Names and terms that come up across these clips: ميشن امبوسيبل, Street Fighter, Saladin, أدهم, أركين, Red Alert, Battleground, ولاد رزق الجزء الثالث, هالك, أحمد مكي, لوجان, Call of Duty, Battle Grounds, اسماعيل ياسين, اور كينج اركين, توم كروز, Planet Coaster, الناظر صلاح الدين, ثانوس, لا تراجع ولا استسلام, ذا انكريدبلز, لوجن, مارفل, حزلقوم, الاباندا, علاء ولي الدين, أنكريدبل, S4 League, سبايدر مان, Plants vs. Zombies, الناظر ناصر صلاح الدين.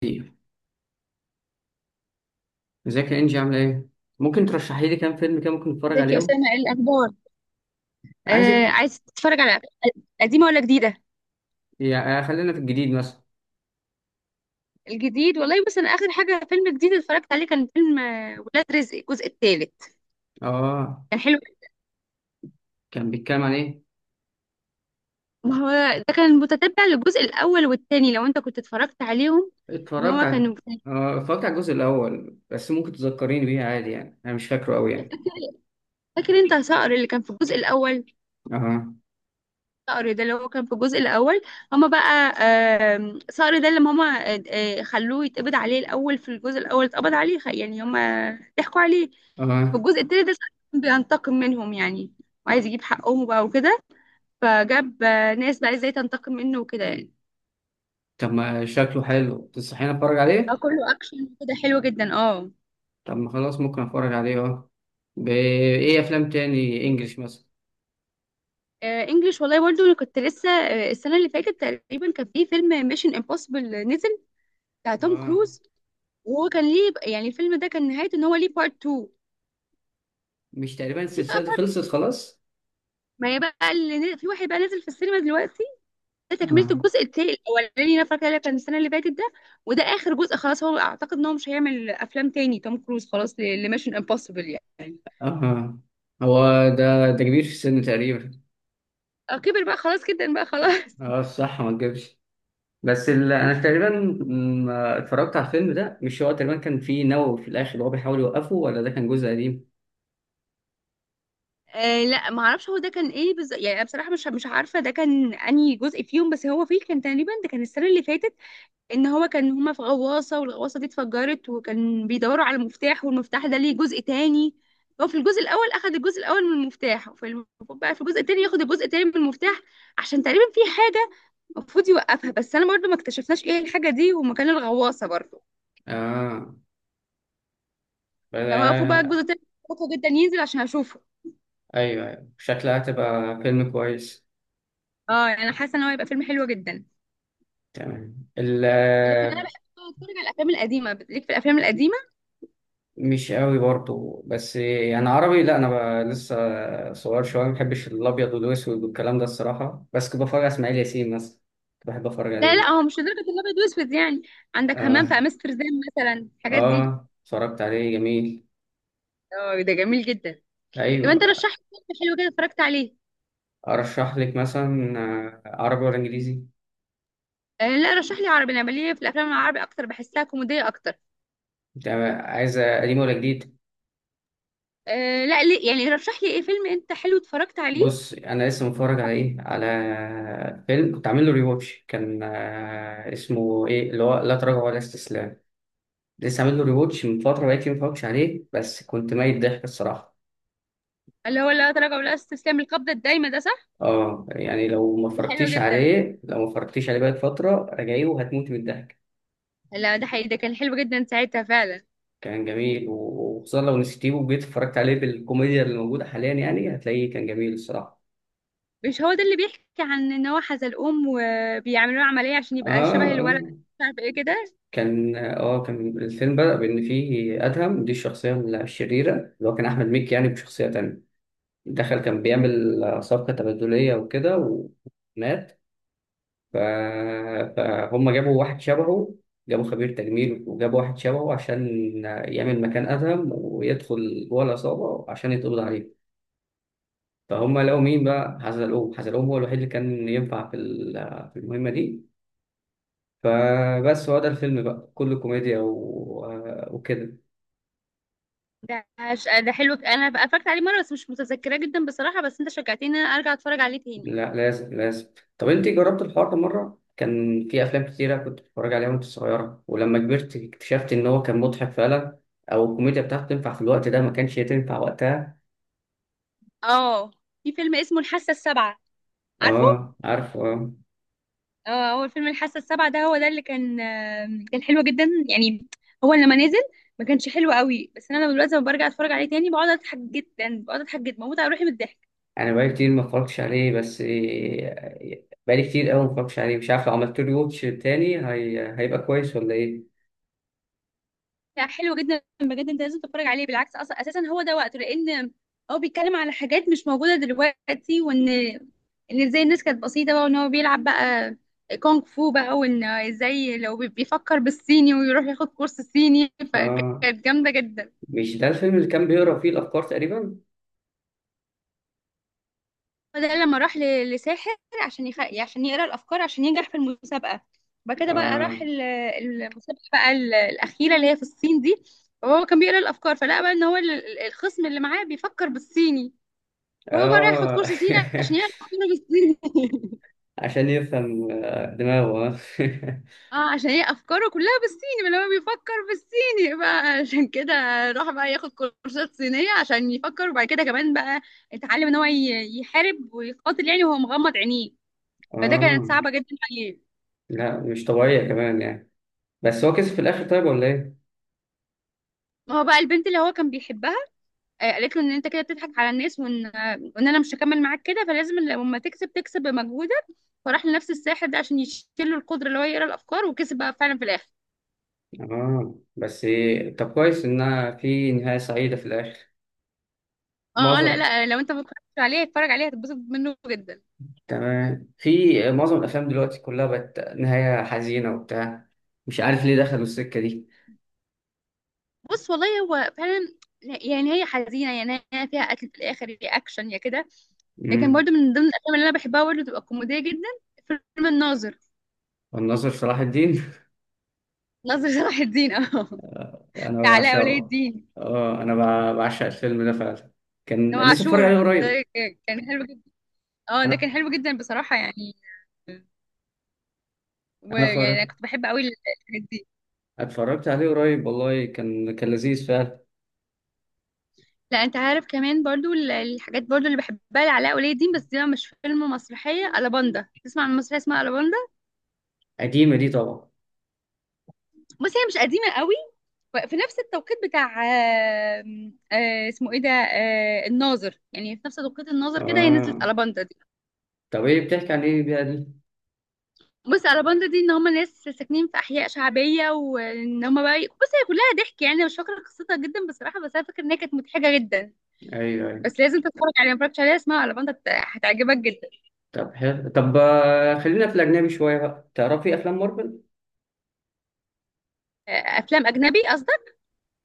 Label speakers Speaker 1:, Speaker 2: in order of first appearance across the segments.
Speaker 1: كتير. ازيك يا انجي، عامله ايه؟ ممكن ترشحي لي كام فيلم كده ممكن نتفرج
Speaker 2: ازيك يا
Speaker 1: عليهم؟
Speaker 2: اسامه؟ ايه الاخبار؟ آه،
Speaker 1: عايزك.
Speaker 2: عايز تتفرج على قديمه ولا جديده؟
Speaker 1: يا آه، خلينا في الجديد مثلا.
Speaker 2: الجديد والله، بس انا اخر حاجه فيلم جديد اتفرجت عليه كان فيلم ولاد رزق الجزء الثالث.
Speaker 1: اه.
Speaker 2: كان حلو.
Speaker 1: كان بيتكلم عن ايه؟
Speaker 2: ما هو ده كان متتبع للجزء الاول والثاني لو انت كنت اتفرجت عليهم. ان
Speaker 1: اتفرجت
Speaker 2: هو
Speaker 1: على
Speaker 2: كان،
Speaker 1: اه اتفرجت على الجزء الاول، بس ممكن تذكريني بيه عادي يعني، انا مش فاكره قوي يعني.
Speaker 2: فاكر انت صقر اللي كان في الجزء الاول؟
Speaker 1: اه.
Speaker 2: صقر ده اللي هو كان في الجزء الأول، هما بقى صقر ده اللي هما خلوه يتقبض عليه الأول. في الجزء الأول اتقبض عليه يعني هما ضحكوا عليه. في
Speaker 1: اه.
Speaker 2: الجزء التاني ده صقر كان بينتقم منهم يعني، وعايز يجيب حقهم بقى وكده، فجاب ناس بقى ازاي تنتقم منه وكده يعني.
Speaker 1: طب ما شكله حلو، تنصحيني اتفرج عليه؟
Speaker 2: كله أكشن كده، حلو جدا اه.
Speaker 1: طب ما خلاص ممكن اتفرج عليه. اه. بايه افلام تاني، انجلش مثلا؟
Speaker 2: انجلش والله، برضو انا كنت لسه السنه اللي فاتت تقريبا كان في فيلم ميشن امبوسيبل نزل، بتاع توم
Speaker 1: اه.
Speaker 2: كروز. وهو كان ليه يعني الفيلم ده كان نهايته ان هو ليه بارت 2.
Speaker 1: مش تقريبا
Speaker 2: ففي
Speaker 1: السلسله
Speaker 2: بقى،
Speaker 1: دي خلصت خلاص؟
Speaker 2: ما هي بقى في واحد بقى نازل في السينما دلوقتي، ده تكملة
Speaker 1: اه.
Speaker 2: الجزء التاني الأولاني اللي أنا فاكرة اللي كان السنة اللي فاتت ده. وده آخر جزء خلاص، هو أعتقد إن هو مش هيعمل أفلام تاني توم كروز خلاص، لميشن امبوسيبل يعني.
Speaker 1: اه. هو ده كبير في السن تقريبا؟
Speaker 2: كبر بقى خلاص، جدا بقى خلاص.
Speaker 1: اه، صح، ما تجيبش. بس انا تقريبا ما اتفرجت على الفيلم ده. مش هو تقريبا كان فيه نووي في الاخر وهو بيحاول يوقفه، ولا ده كان جزء قديم؟
Speaker 2: آه لا، ما اعرفش هو ده كان ايه بالظبط يعني. أنا بصراحه مش عارفه ده كان انهي جزء فيهم، بس هو فيه كان تقريبا ده كان السنه اللي فاتت، ان هو كان هما في غواصة والغواصة دي اتفجرت، وكان بيدوروا على مفتاح، والمفتاح ده ليه جزء تاني. هو في الجزء الاول اخد الجزء الاول من المفتاح، وفي المفروض بقى في الجزء التاني ياخد الجزء التاني من المفتاح عشان تقريبا في حاجة المفروض يوقفها، بس انا برضو ما اكتشفناش ايه الحاجة دي ومكان الغواصة برضو.
Speaker 1: اه.
Speaker 2: فوقفوا بقى
Speaker 1: بلا...
Speaker 2: الجزء التاني بطيء جدا ينزل عشان اشوفه.
Speaker 1: ايوه ايوه، شكلها هتبقى فيلم كويس.
Speaker 2: اه يعني انا حاسة ان هو هيبقى فيلم حلو جدا.
Speaker 1: تمام.
Speaker 2: لكن انا بحب اتفرج على الافلام القديمه، ليك في الافلام القديمه.
Speaker 1: مش قوي برضو، بس يعني عربي لا، انا لسه صغير شويه، ما بحبش الابيض والاسود والكلام ده الصراحه، بس كنت بتفرج على اسماعيل ياسين مثلا، كنت بحب اتفرج
Speaker 2: لا لا،
Speaker 1: عليه.
Speaker 2: هو مش لدرجه الابيض واسود يعني. عندك همام في
Speaker 1: اه.
Speaker 2: امستردام مثلا، الحاجات دي.
Speaker 1: اه، اتفرجت عليه، جميل.
Speaker 2: اه ده جميل جدا. طب
Speaker 1: ايوه.
Speaker 2: انت رشح لي فيلم حلو كده اتفرجت عليه.
Speaker 1: ارشح لك مثلا، عربي ولا انجليزي؟
Speaker 2: آه لا، رشح لي عربي. انا بليه في الافلام العربي اكتر، بحسها كوميديه اكتر.
Speaker 1: انت عايزه قديم ولا جديد؟
Speaker 2: آه لا ليه يعني، رشح لي ايه فيلم انت حلو اتفرجت عليه.
Speaker 1: بص، انا لسه متفرج على ايه على فيلم كنت عامل له ريواتش، كان اسمه ايه اللي هو لا تراجع ولا استسلام. لسه عامل له ريواتش من فتره، بقيت ما اتفرجتش عليه، بس كنت ميت ضحك الصراحه.
Speaker 2: اللي هو لا تراجع ولا استسلام، القبضه الدايمه، ده صح؟
Speaker 1: اه، يعني لو ما
Speaker 2: ده حلو
Speaker 1: اتفرجتيش
Speaker 2: جدا.
Speaker 1: عليه، بقالك فتره راجعيه وهتموتي من الضحك.
Speaker 2: لا ده حقيقي، ده كان حلو جدا ساعتها فعلا.
Speaker 1: كان جميل و- وخصوصا لو نسيتيه وجيت اتفرجت عليه، بالكوميديا اللي موجوده حاليا يعني هتلاقيه كان جميل الصراحه.
Speaker 2: مش هو ده اللي بيحكي عن ان هو حزلقوم وبيعملوا له عمليه عشان
Speaker 1: اه.
Speaker 2: يبقى شبه
Speaker 1: اه،
Speaker 2: الولد، مش عارف ايه كده.
Speaker 1: كان الفيلم بدأ بإن فيه أدهم، دي الشخصية الشريرة اللي هو كان أحمد مكي يعني بشخصية تانية، دخل كان بيعمل صفقة تبادلية وكده ومات. ف... فهم جابوا واحد شبهه، جابوا خبير تجميل وجابوا واحد شبهه عشان يعمل مكان أدهم ويدخل جوه العصابة عشان يتقبض عليه. فهم لقوا مين بقى؟ حزلقوم. حزلقوم هو الوحيد اللي كان ينفع في المهمة دي. فبس هو ده الفيلم بقى كله كوميديا و... آه، وكده.
Speaker 2: ده ده حلو، انا بقى اتفرجت عليه مره بس مش متذكراه جدا بصراحه، بس انت شجعتني ان انا ارجع اتفرج عليه تاني.
Speaker 1: لا لازم لازم. طب انت جربت الحوار ده مره؟ كان في افلام كتيره كنت بتتفرج عليها وانت صغيره، ولما كبرت اكتشفت ان هو كان مضحك فعلا، او الكوميديا بتاعته تنفع في الوقت ده، ما كانش تنفع وقتها.
Speaker 2: اه، في فيلم اسمه الحاسة السابعة، عارفه؟
Speaker 1: اه، عارفه، اه.
Speaker 2: اه، هو فيلم الحاسة السابعة ده هو ده اللي كان كان حلو جدا يعني. هو لما نزل ما كانش حلو قوي، بس انا لما دلوقتي لما برجع اتفرج عليه تاني بقعد اضحك جدا، بقعد اضحك جدا، بموت على روحي من الضحك.
Speaker 1: انا بقالي كتير ما اتفرجتش عليه، بس بقالي كتير قوي ما اتفرجتش عليه، مش عارف لو عملت له واتش تاني هيبقى كويس ولا ايه.
Speaker 2: لا حلو جدا بجد، انت لازم تتفرج عليه. بالعكس اصلا اساسا هو ده وقته، لان هو بيتكلم على حاجات مش موجوده دلوقتي، وان ازاي الناس كانت بسيطه بقى، وان هو بيلعب بقى كونغ فو بقى، وان ازاي لو بيفكر بالصيني ويروح ياخد كورس صيني،
Speaker 1: اه.
Speaker 2: فكانت جامده جدا.
Speaker 1: مش ده الفيلم اللي كان بيقرا فيه الافكار تقريبا؟
Speaker 2: فده لما راح لساحر عشان يعني عشان يقرا الافكار عشان ينجح في المسابقه. بعد كده بقى راح
Speaker 1: اه.
Speaker 2: المسابقه بقى الاخيره اللي هي في الصين دي، وهو كان بيقرا الافكار، فلقى بقى ان هو الخصم اللي معاه بيفكر بالصيني. هو بقى رايح ياخد
Speaker 1: اه.
Speaker 2: كورس صيني عشان يعرف افكاره بالصيني.
Speaker 1: عشان يفهم دماغه.
Speaker 2: اه، عشان هي افكاره كلها بالصيني، ما هو بيفكر بالصيني بقى عشان كده راح بقى ياخد كورسات صينيه عشان يفكر. وبعد كده كمان بقى اتعلم ان هو يحارب ويقاتل يعني وهو مغمض عينيه، فده كانت
Speaker 1: اه.
Speaker 2: صعبه جدا عليه.
Speaker 1: لا مش طبيعية كمان يعني، بس هو كسب في الآخر، طيب ولا إيه؟
Speaker 2: ما هو بقى البنت اللي هو كان بيحبها قالت له ان انت كده بتضحك على الناس، وان وان انا مش هكمل معاك كده، فلازم لما تكسب تكسب بمجهودك. فراح لنفس الساحر ده عشان يشيل له القدره اللي هو يقرا الافكار، وكسب بقى فعلا في الاخر.
Speaker 1: اه، بس طب كويس إنها في نهاية سعيدة في الآخر.
Speaker 2: اه اه، لا
Speaker 1: معظم
Speaker 2: لا، لو انت ما اتفرجتش عليه اتفرج عليه هتتبسط منه جدا.
Speaker 1: تمام. في معظم الأفلام دلوقتي كلها بقت نهاية حزينة وبتاع، مش عارف ليه دخلوا السكة دي.
Speaker 2: بص والله هو فعلا يعني، هي حزينه يعني، هي فيها قتل في الاخر، يا اكشن يا كده. لكن
Speaker 1: امم
Speaker 2: برضو من ضمن الافلام اللي انا بحبها برضو تبقى كوميديه جدا فيلم الناظر.
Speaker 1: الناظر صلاح الدين
Speaker 2: ناصر صلاح الدين اه.
Speaker 1: أنا
Speaker 2: بتاع علاء ولي
Speaker 1: بعشقه.
Speaker 2: الدين.
Speaker 1: اه، أنا بعشق الفيلم ده فعلا،
Speaker 2: ده
Speaker 1: كان لسه اتفرج
Speaker 2: عاشور
Speaker 1: عليه
Speaker 2: ده،
Speaker 1: قريب.
Speaker 2: كان حلو جدا. اه ده
Speaker 1: أنا
Speaker 2: كان حلو جدا بصراحه يعني،
Speaker 1: أنا
Speaker 2: ويعني انا
Speaker 1: اتفرج-
Speaker 2: كنت بحب قوي الحاجات دي.
Speaker 1: اتفرجت عليه قريب والله، كان لذيذ فعلا.
Speaker 2: لا انت عارف كمان برضو الحاجات برضو اللي بحبها لعلاء ولي الدين، بس دي بقى مش فيلم، مسرحيه الاباندا. تسمع عن مسرحيه اسمها الاباندا؟
Speaker 1: قديمة دي طبعا.
Speaker 2: بصي هي مش قديمه قوي، في نفس التوقيت بتاع اسمه ايه ده، الناظر، يعني في نفس توقيت الناظر كده هي نزلت
Speaker 1: اه،
Speaker 2: الاباندا دي.
Speaker 1: طب بتحكي عن ايه بقى دي؟
Speaker 2: بصي الاباندا دي ان هم ناس ساكنين في احياء شعبيه، وان هم بقى بصي هي كلها ضحك يعني، أنا مش فاكره قصتها جدا بصراحه، بس انا فاكره ان هي كانت مضحكه جدا.
Speaker 1: ايوه، ايوه.
Speaker 2: بس لازم تتفرج عليها، ما اتفرجتش عليها، اسمها الاباندا، هتعجبك جدا.
Speaker 1: طب حلو. طب آه، خلينا في الاجنبي شويه بقى، تعرفي افلام مارفل؟
Speaker 2: افلام اجنبي قصدي.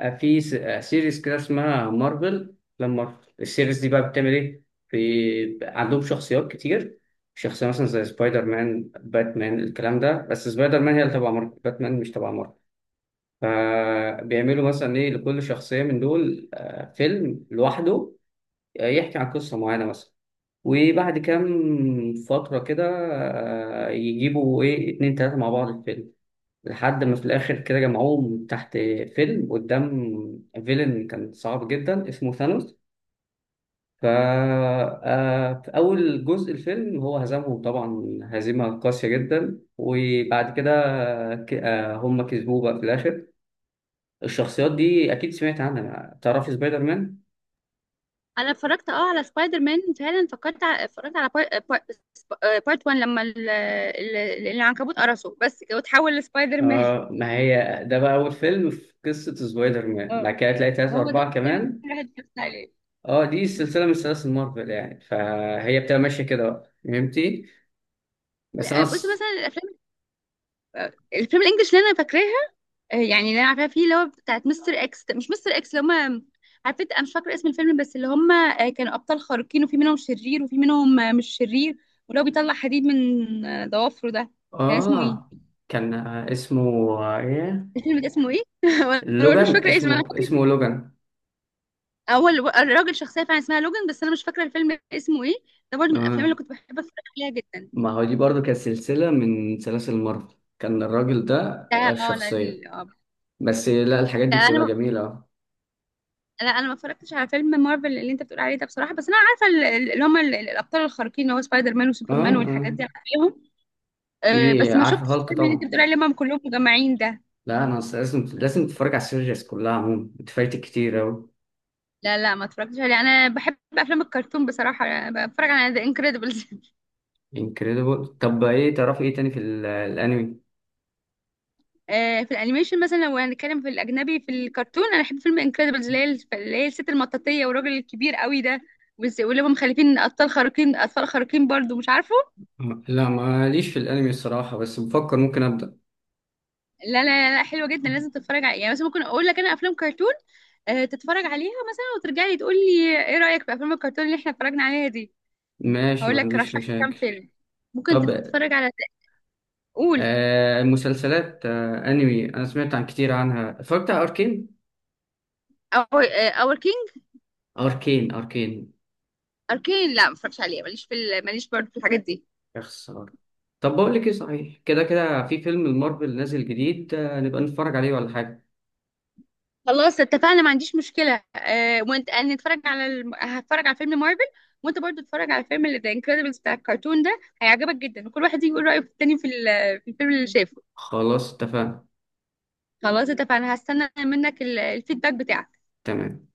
Speaker 1: آه، في س- آه، سيريز كده اسمها مارفل. افلام مارفل السيريز دي بقى بتعمل ايه؟ في عندهم شخصيات كتير، شخصيه مثلا زي سبايدر مان، باتمان، الكلام ده. بس سبايدر مان هي اللي تبع مارفل، باتمان مش تبع مارفل. فبيعملوا مثلا لكل شخصيه من دول فيلم لوحده، يحكي عن قصه معينه مثلا. وبعد كام فترة كده يجيبوا اتنين تلاتة مع بعض الفيلم، لحد ما في الآخر كده جمعوهم تحت فيلم قدام فيلن كان صعب جدا اسمه ثانوس. فا في أول جزء الفيلم هو هزمهم طبعا هزيمة قاسية جدا، وبعد كده هم كسبوه بقى في الآخر. الشخصيات دي أكيد سمعت عنها، تعرفي سبايدر مان؟
Speaker 2: انا اتفرجت اه على سبايدر مان فعلا، فكرت اتفرجت على بارت 1 لما العنكبوت قرصه بس كده، وتحول لسبايدر مان.
Speaker 1: آه، ما هي ده بقى أول فيلم في قصة سبايدر مان، بعد
Speaker 2: اه،
Speaker 1: كده تلاقي تلاتة
Speaker 2: هو ده
Speaker 1: أربعة
Speaker 2: الفيلم اللي
Speaker 1: كمان.
Speaker 2: الواحد اتفرجت عليه.
Speaker 1: اه، دي سلسله من سلاسل مارفل يعني، فهي بتبقى ماشيه كده بقى، فهمتي؟ بس انا
Speaker 2: لا بص،
Speaker 1: ص...
Speaker 2: مثلا الافلام، الفيلم الانجليش اللي انا فاكراها، يعني اللي انا عارفاها فيه، اللي هو بتاعت مستر اكس، مش مستر اكس، اللي هم، عارفه انا مش فاكره اسم الفيلم، بس اللي هم كانوا ابطال خارقين، وفي منهم شرير وفي منهم مش شرير، ولو بيطلع حديد من ضوافره ده. كان اسمه ايه
Speaker 1: اه، كان اسمه آه، ايه
Speaker 2: الفيلم ده، اسمه ايه؟ وانا برضه مش
Speaker 1: لوجان،
Speaker 2: فاكره اسمه، انا
Speaker 1: اسمه
Speaker 2: فاكره
Speaker 1: اسمه لوجان.
Speaker 2: اول الراجل شخصيه فعلا اسمها لوجن، بس انا مش فاكره الفيلم اسمه ايه. ده برضه من الافلام
Speaker 1: اه،
Speaker 2: اللي كنت بحب اتفرج عليها جدا.
Speaker 1: ما هو دي برضو كانت سلسله من سلاسل مارفل، كان الراجل ده
Speaker 2: ده اه لا
Speaker 1: الشخصيه.
Speaker 2: اه،
Speaker 1: بس لا الحاجات
Speaker 2: لا
Speaker 1: دي
Speaker 2: انا
Speaker 1: بتبقى
Speaker 2: ما-
Speaker 1: جميله. اه.
Speaker 2: لا انا ما اتفرجتش على فيلم مارفل اللي انت بتقول عليه ده بصراحه، بس انا عارفه اللي هم الابطال الخارقين، اللي هو سبايدر مان وسوبرمان والحاجات
Speaker 1: اه،
Speaker 2: دي عليهم. أه
Speaker 1: دي
Speaker 2: بس ما
Speaker 1: عارفه
Speaker 2: شفتش
Speaker 1: هالك
Speaker 2: الفيلم اللي انت
Speaker 1: طبعا.
Speaker 2: بتقول عليه لما هم كلهم مجمعين ده.
Speaker 1: لا انا أصل لازم لازم تتفرج على السيريز كلها عموما، انت فايتك كتير اوي.
Speaker 2: لا لا، ما اتفرجتش عليه. انا بحب افلام الكرتون بصراحه، بتفرج على ذا انكريدبلز.
Speaker 1: انكريدبل. طب تعرفي ايه تاني في الانمي؟
Speaker 2: في الانيميشن مثلا، لو هنتكلم في الاجنبي في الكرتون، انا بحب فيلم انكريدبلز اللي هي، اللي هي الست المطاطيه والراجل الكبير قوي ده، واللي هم مخلفين اطفال خارقين، اطفال خارقين برضو مش عارفه.
Speaker 1: لا ماليش في الانمي الصراحة، بس بفكر ممكن ابدأ.
Speaker 2: لا لا حلوه جدا، لازم تتفرج عليها. يعني مثلا ممكن اقول لك انا افلام كرتون تتفرج عليها مثلا، وترجع لي تقول لي ايه رايك في افلام الكرتون اللي احنا اتفرجنا عليها دي.
Speaker 1: ماشي،
Speaker 2: هقول
Speaker 1: ما
Speaker 2: لك رشح
Speaker 1: عنديش
Speaker 2: لي كام
Speaker 1: مشاكل.
Speaker 2: فيلم ممكن
Speaker 1: طب
Speaker 2: تتفرج على، قول.
Speaker 1: المسلسلات، انمي، انا سمعت عن كتير عنها، اتفرجت على اركين.
Speaker 2: اور كينج،
Speaker 1: اركين، اركين.
Speaker 2: اركين؟ لا ما اتفرجش عليه، ماليش في ماليش برضو في الحاجات دي.
Speaker 1: يا خسارة. طب بقول لك ايه، صحيح، كده كده في فيلم المارفل نازل جديد، نبقى نتفرج عليه ولا حاجة.
Speaker 2: خلاص اتفقنا، ما عنديش مشكلة. آه، وانت انا نتفرج على هتفرج على فيلم مارفل، وانت برضو اتفرج على فيلم ذا انكريدبلز بتاع الكرتون، ده هيعجبك جدا. وكل واحد يجي يقول رأيه في التاني في، في الفيلم اللي شافه.
Speaker 1: خلاص اتفقنا.
Speaker 2: خلاص اتفقنا، هستنى منك الفيدباك بتاعك.
Speaker 1: تمام.